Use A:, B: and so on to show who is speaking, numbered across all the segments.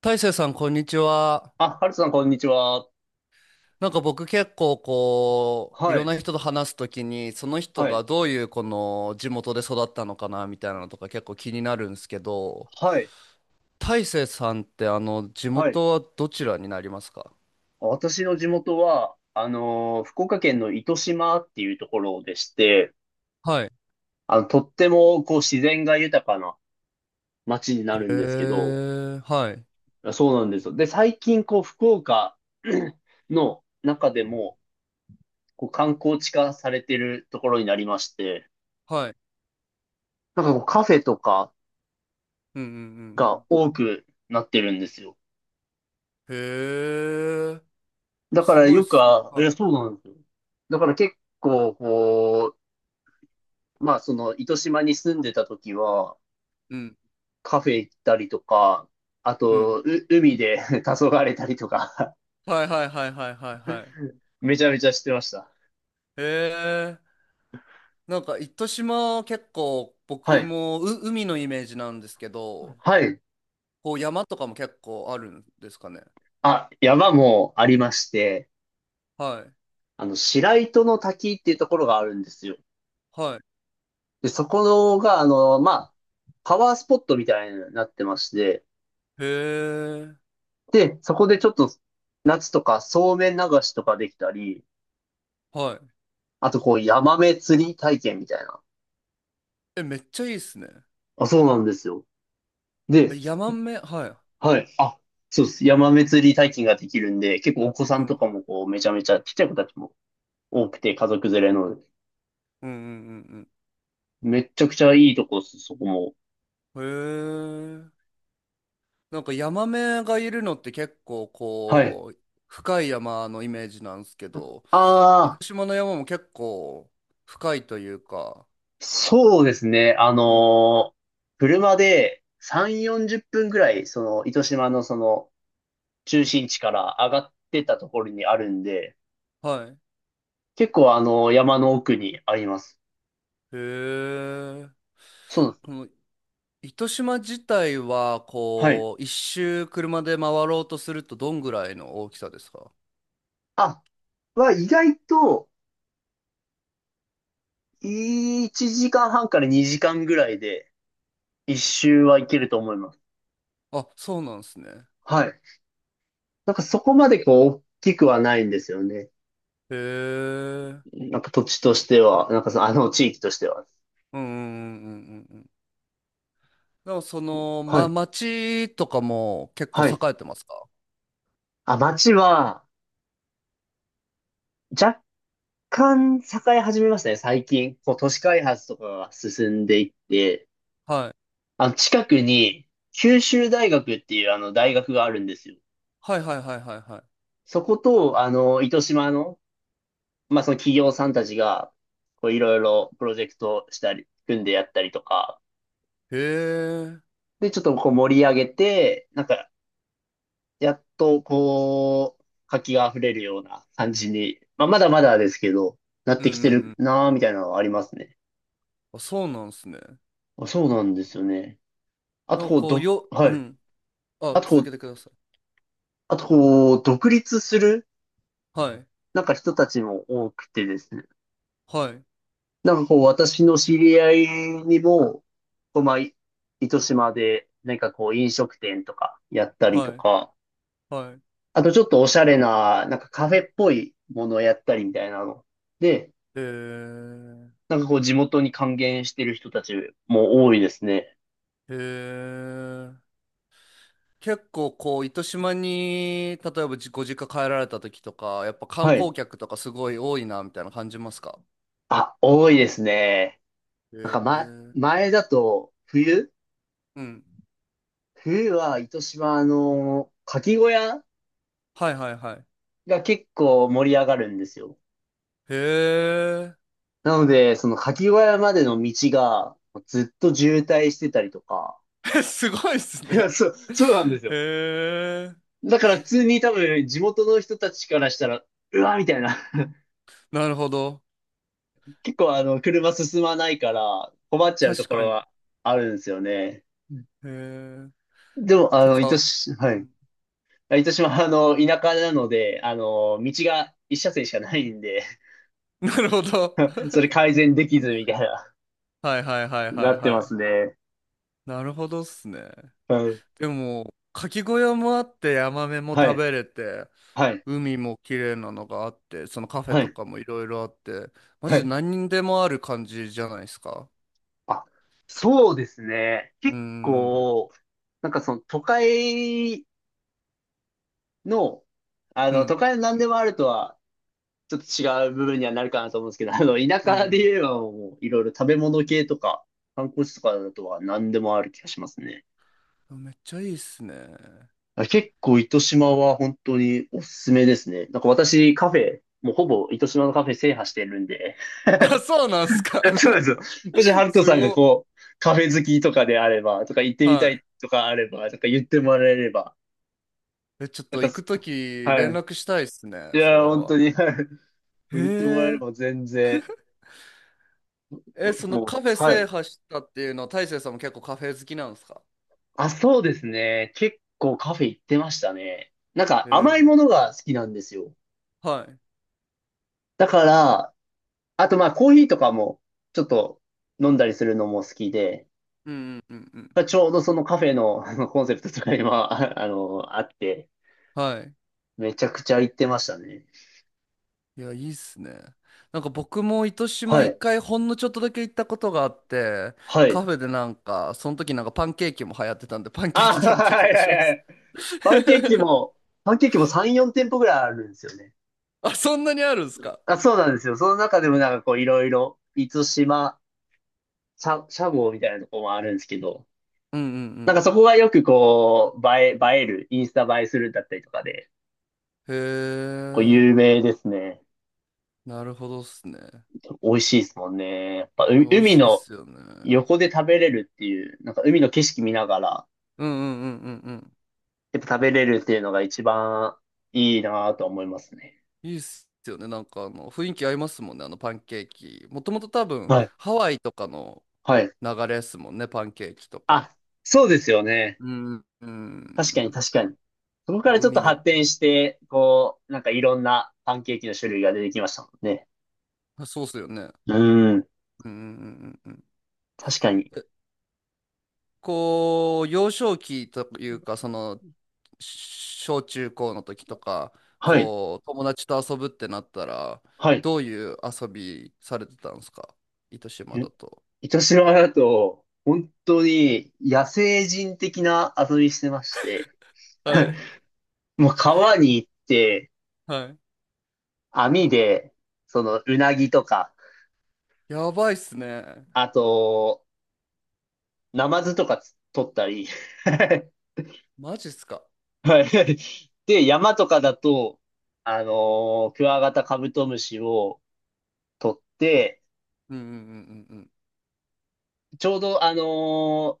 A: 大成さん、こんにちは。
B: あ、ハルさん、こんにちは。
A: 僕結構こう、い
B: は
A: ろん
B: い、
A: な人と話すときに、その人
B: はい、
A: がどういうこの地元で育ったのかなみたいなのとか結構気になるんですけど、
B: はい、
A: 大成さんって地
B: はい。
A: 元はどちらになりますか？
B: 私の地元は、福岡県の糸島っていうところでして、
A: はい。
B: とっても、こう、自然が豊かな街にな
A: へ
B: るんですけど、
A: え、はい。
B: そうなんですよ。で、最近、こう、福岡 の中でも、こう、観光地化されてるところになりまして、
A: はい。
B: なんかこう、カフェとか
A: うんうんう
B: が
A: ん
B: 多くなってるんですよ。
A: うん。へえ、
B: だか
A: す
B: ら
A: ごいっ
B: よく、
A: すね。
B: あ、い
A: は
B: や、
A: い。
B: そうなんですよ。だから結構、こう、まあ、その、糸島に住んでた時は、
A: うん。
B: カフェ行ったりとか、あ
A: うん。
B: と、海で 黄昏れたりとか
A: はいはいはいはいはいはい。
B: めちゃめちゃしてました。
A: へえ。なんか糸島結構
B: は
A: 僕
B: い。
A: もう海のイメージなんですけど、
B: はい。
A: こう山とかも結構あるんですかね？
B: あ、山もありまして、
A: はい。
B: あの、白糸の滝っていうところがあるんですよ。
A: は
B: で、そこのが、あの、まあ、パワースポットみたいになってまして、
A: い。へえ。
B: で、そこでちょっと、夏とかそうめん流しとかできたり、
A: はい。
B: あとこう、ヤマメ釣り体験みたいな。
A: え、めっちゃいいっすね。
B: あ、そうなんですよ。で、
A: ヤマメ、はい。
B: はい。あ、そうです。山祭り体験ができるんで、結構お子さ
A: う
B: んと
A: ん。
B: かもこう、めちゃめちゃ、ちっちゃい子たちも多くて、家族連れの、
A: うんうんうん
B: めっちゃくちゃいいとこです、そこも。
A: うん。へえ。なんかヤマメがいるのって結構
B: はい。
A: こう、深い山のイメージなんですけど、
B: ああ、
A: 糸島の山も結構深いというか、
B: そうですね。
A: うん。
B: 車で3、40分ぐらい、その、糸島のその、中心地から上がってったところにあるんで、
A: はい。
B: 結構あの、山の奥にあります。
A: へえ。
B: そうなんで
A: こ
B: す。
A: の糸島自体は、
B: はい。
A: こう、一周車で回ろうとするとどんぐらいの大きさですか？
B: あ、は意外と、1時間半から2時間ぐらいで、一周はいけると思います。
A: あ、そうなんですね。
B: はい。なんかそこまでこう、大きくはないんですよね。
A: へえ。
B: なんか土地としては、なんかその、あの地域としては。
A: うんうんうんうんうんうん。でもその、
B: は
A: ま、
B: い。
A: 町とかも結構
B: はい。
A: 栄えてますか？
B: あ、町は、若干栄え始めましたね、最近。こう、都市開発とかが進んでいって、
A: はい。
B: あの、近くに、九州大学っていうあの、大学があるんですよ。
A: はいはいはいはいは
B: そこと、あの、糸島の、まあ、その企業さんたちが、こう、いろいろプロジェクトしたり、組んでやったりとか、
A: い。へえ。うん
B: で、ちょっとこう盛り上げて、なんか、やっとこう、活気が溢れるような感じに、まあ、まだまだですけど、なっ
A: うん
B: て
A: う
B: きてる
A: ん。
B: なーみたいなのはありますね。
A: あ、そうなんですね。
B: あ、そうなんですよね。あ
A: な
B: と
A: んか
B: こう、
A: こう、よ、
B: は
A: う
B: い。
A: ん。あ、
B: あとこ
A: 続け
B: う、
A: てください。
B: あとこう、独立する、
A: はい。
B: なんか人たちも多くてですね。
A: はい。
B: なんかこう、私の知り合いにも、こう、まあ、糸島で、なんかこう、飲食店とかやったりと
A: はい。
B: か、
A: はい。
B: あとちょっとおしゃれな、なんかカフェっぽいものをやったりみたいなの。で、
A: へえ。
B: なんかこう地元に還元してる人たちも多いですね。
A: へえ。結構こう糸島に例えばじご実家帰られた時とかやっぱ観
B: はい。
A: 光客とかすごい多いなみたいな感じますか？
B: あ、多いですね。なん
A: へ
B: かま、
A: え。
B: 前だと冬
A: うん。
B: 冬は糸島の牡蠣小屋
A: はいはいはい。
B: が結構盛り上がるんですよ。
A: へ
B: なので、その牡蠣小屋までの道がずっと渋滞してたりとか。
A: え。 すごいっす
B: いや、
A: ね。
B: そうなんです
A: へ
B: よ。
A: え。
B: だから普通に多分地元の人たちからしたら、うわ、みたいな。
A: なるほど。
B: 結構あの、車進まないから困っちゃうと
A: 確
B: こ
A: か
B: ろ
A: に。へ
B: はあるんですよね。
A: え。
B: でも、あ
A: て
B: の、糸
A: か、
B: 島、は
A: う
B: い。
A: ん。
B: 糸島はあの、田舎なので、あの、道が一車線しかないんで、
A: なるほど。
B: それ改善できずみたいな、
A: はいはいはい
B: な
A: はい
B: って
A: は
B: ま
A: い。
B: すね。
A: なるほどっすね。
B: はい。
A: でもかき小屋もあってヤマメも
B: は
A: 食
B: い。
A: べれて、
B: はい。
A: 海も綺麗なのがあって、そのカフェ
B: は
A: と
B: い。
A: かもいろいろあって、マ
B: は
A: ジで
B: い。
A: 何でもある感じじゃないですか。
B: あ、そうですね。
A: うー
B: 結
A: ん、
B: 構、なんかその都会の、あ
A: う
B: の、都
A: ん、
B: 会の何でもあるとはちょっと違う部分にはなるかなと思うんですけど、あの、田
A: う
B: 舎で
A: ん。
B: 言えばもういろいろ食べ物系とか、観光地とかだとは何でもある気がしますね。
A: うん、めっちゃいいっすね。
B: あ結構糸島は本当におすすめですね。なんか私カフェ、もうほぼ糸島のカフェ制覇してるんで。
A: あ、そうなんす
B: そうな
A: か。
B: んですよ。もしハ ルト
A: す
B: さんが
A: ごっ。
B: こう、カフェ好きとかであれば、とか行ってみた
A: は
B: いとかあれば、とか言ってもらえれば、
A: い。え、ちょっ
B: なん
A: と
B: か
A: 行く
B: す、
A: とき
B: は
A: 連
B: い。
A: 絡したいっすね、
B: い
A: そ
B: や、
A: れ
B: 本当
A: は。
B: に、はい。も
A: へ
B: う言ってもらえれ
A: え。
B: ば全然、
A: え、その
B: もう、
A: カフェ
B: は
A: 制
B: い。
A: 覇したっていうのは、大成さんも結構カフェ好きなんですか？
B: あ、そうですね。結構カフェ行ってましたね。なんか
A: へ
B: 甘い
A: え。
B: ものが好きなんですよ。
A: はい。
B: だから、あとまあコーヒーとかもちょっと飲んだりするのも好きで、
A: うんうんうんうん。
B: ちょうどそのカフェの あのコンセプトとかには、あって、
A: はい。
B: めちゃくちゃ行ってましたね。
A: いや、いいっすね。なんか僕も糸島
B: は
A: 一
B: い。
A: 回ほんのちょっとだけ行ったことがあって、
B: はい。
A: カフェでなんか、その時なんかパンケーキも流行ってたんで、パンケー
B: あ、
A: キ 食べた気
B: はい
A: が
B: は
A: し
B: い
A: ま
B: は
A: す。
B: い。パンケーキ も、パンケーキも3、4店舗ぐらいあるんですよね。
A: あ、そんなにあるんすか？
B: あ、そうなんですよ。その中でもなんかこういろいろ、満島、シャゴみたいなとこもあるんですけど、
A: うんう
B: なん
A: ん
B: かそこがよくこう、映える、インスタ映えするだったりとかで、
A: うん。へ
B: こう
A: え、
B: 有名ですね。
A: なるほどっすね。
B: 美味しいですもんね。やっぱう
A: 美味
B: 海
A: しいっ
B: の
A: すよね。
B: 横で食べれるっていう、なんか海の景色見ながら、
A: うんうんうんうんうん。
B: やっぱ食べれるっていうのが一番いいなぁと思いますね。
A: いいっすよね。なんか雰囲気合いますもんね、あのパンケーキ。もともと多分、
B: はい。
A: ハワイとかの
B: はい。
A: 流れっすもんね、パンケーキとか。
B: あ、そうですよね。
A: うんう
B: 確かに
A: ん
B: 確かに。そこか
A: う
B: ら
A: ん。
B: ちょっと
A: 海めっ、
B: 発展して、こう、なんかいろんなパンケーキの種類が出てきましたもんね。
A: そうっすよね。
B: うん。
A: うんうんうんうんうん。
B: 確かに。
A: え、こう、幼少期というか、その、し小中高の時とか、
B: はい。
A: こう、友達と遊ぶってなったら、
B: はい。
A: どういう遊びされてたんですか？糸島だと。
B: 糸島だと、本当に野生人的な遊びしてまして、
A: はい。
B: もう川に行って、
A: はい。
B: 網で、その、うなぎとか、
A: やばいっすね。
B: あと、ナマズとか取ったり、
A: マジっすか？
B: はい。で、山とかだと、クワガタカブトムシを取って、
A: うんうんうんうん
B: ちょうど、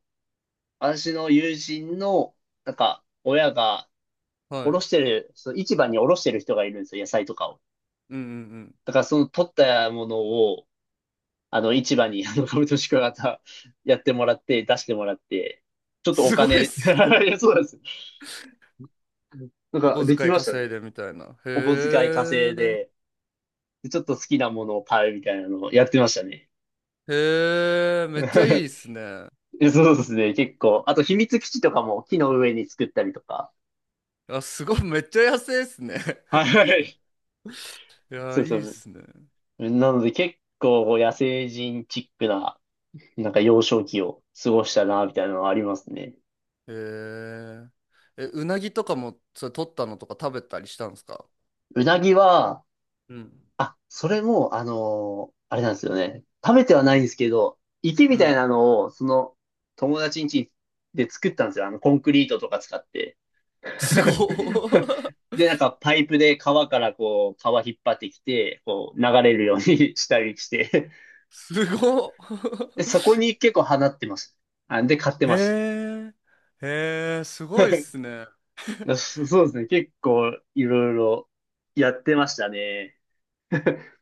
B: 私の友人の、なんか、親が、
A: うん。は
B: お
A: い。う
B: ろ
A: ん
B: してる、その市場におろしてる人がいるんですよ、野菜とかを。
A: うんうん。
B: だからその取ったものを、あの、市場に、あの、株と宿泊型やってもらって、出してもらって、ちょっとお
A: すごいっ
B: 金、
A: すね。
B: いやそうなんです。なん
A: お
B: か、
A: 小
B: でき
A: 遣い
B: ました
A: 稼い
B: ね。
A: でみたいな。へ
B: お小遣い稼い
A: え。
B: で、でちょっと好きなものを買うみたいなのをやってましたね。
A: へえ。めっちゃいいっ すね。
B: そうですね、結構。あと、秘密基地とかも木の上に作ったりとか。
A: あ、すごい、めっちゃ安いっすね。
B: は い。
A: いや
B: そ
A: ー、い
B: うそ
A: いっ
B: う。
A: すね。
B: なので、結構野生人チックな、なんか幼少期を過ごしたな、みたいなのはありますね。
A: えー、え、うなぎとかも、それ取ったのとか食べたりしたんですか？
B: うなぎは、
A: うん。
B: あ、それも、あれなんですよね。食べてはないんですけど、池み
A: う
B: たい
A: ん。
B: なのを、その、友達ん家で作ったんですよ。あの、コンクリートとか使って。
A: すご っ。
B: で、なんか、パイプで川からこう、川引っ張ってきて、こう、流れるように したりして。
A: すごっ。
B: で、そこに結構放ってました。あ、で、買って まし
A: へえ、へえ、す
B: た。
A: ごいっ
B: い
A: すね。
B: やそうですね。結構、いろいろやってましたね。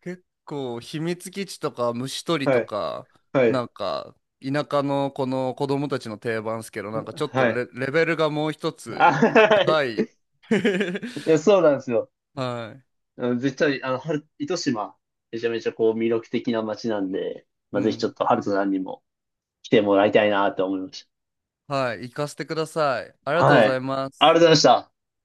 A: 結構、秘密基地とか虫取り
B: は
A: と
B: い。
A: か、
B: は
A: な
B: い。
A: んか、田舎のこの子供たちの定番っすけど、なんかちょっと
B: はい。
A: レ、レベルがもう一
B: あ、
A: つ
B: はい。
A: 高い。
B: いや、そうなんですよ。
A: はい。
B: うん、絶対、あの、春糸島、めちゃめちゃこう魅力的な街なんで、
A: う
B: まあ、ぜひちょっ
A: ん。
B: とハルトさんにも来てもらいたいなと思いまし
A: はい、行かせてください。あり
B: た。
A: がとうご
B: はい。あ
A: ざ
B: り
A: いま
B: がとう
A: す。
B: ございました。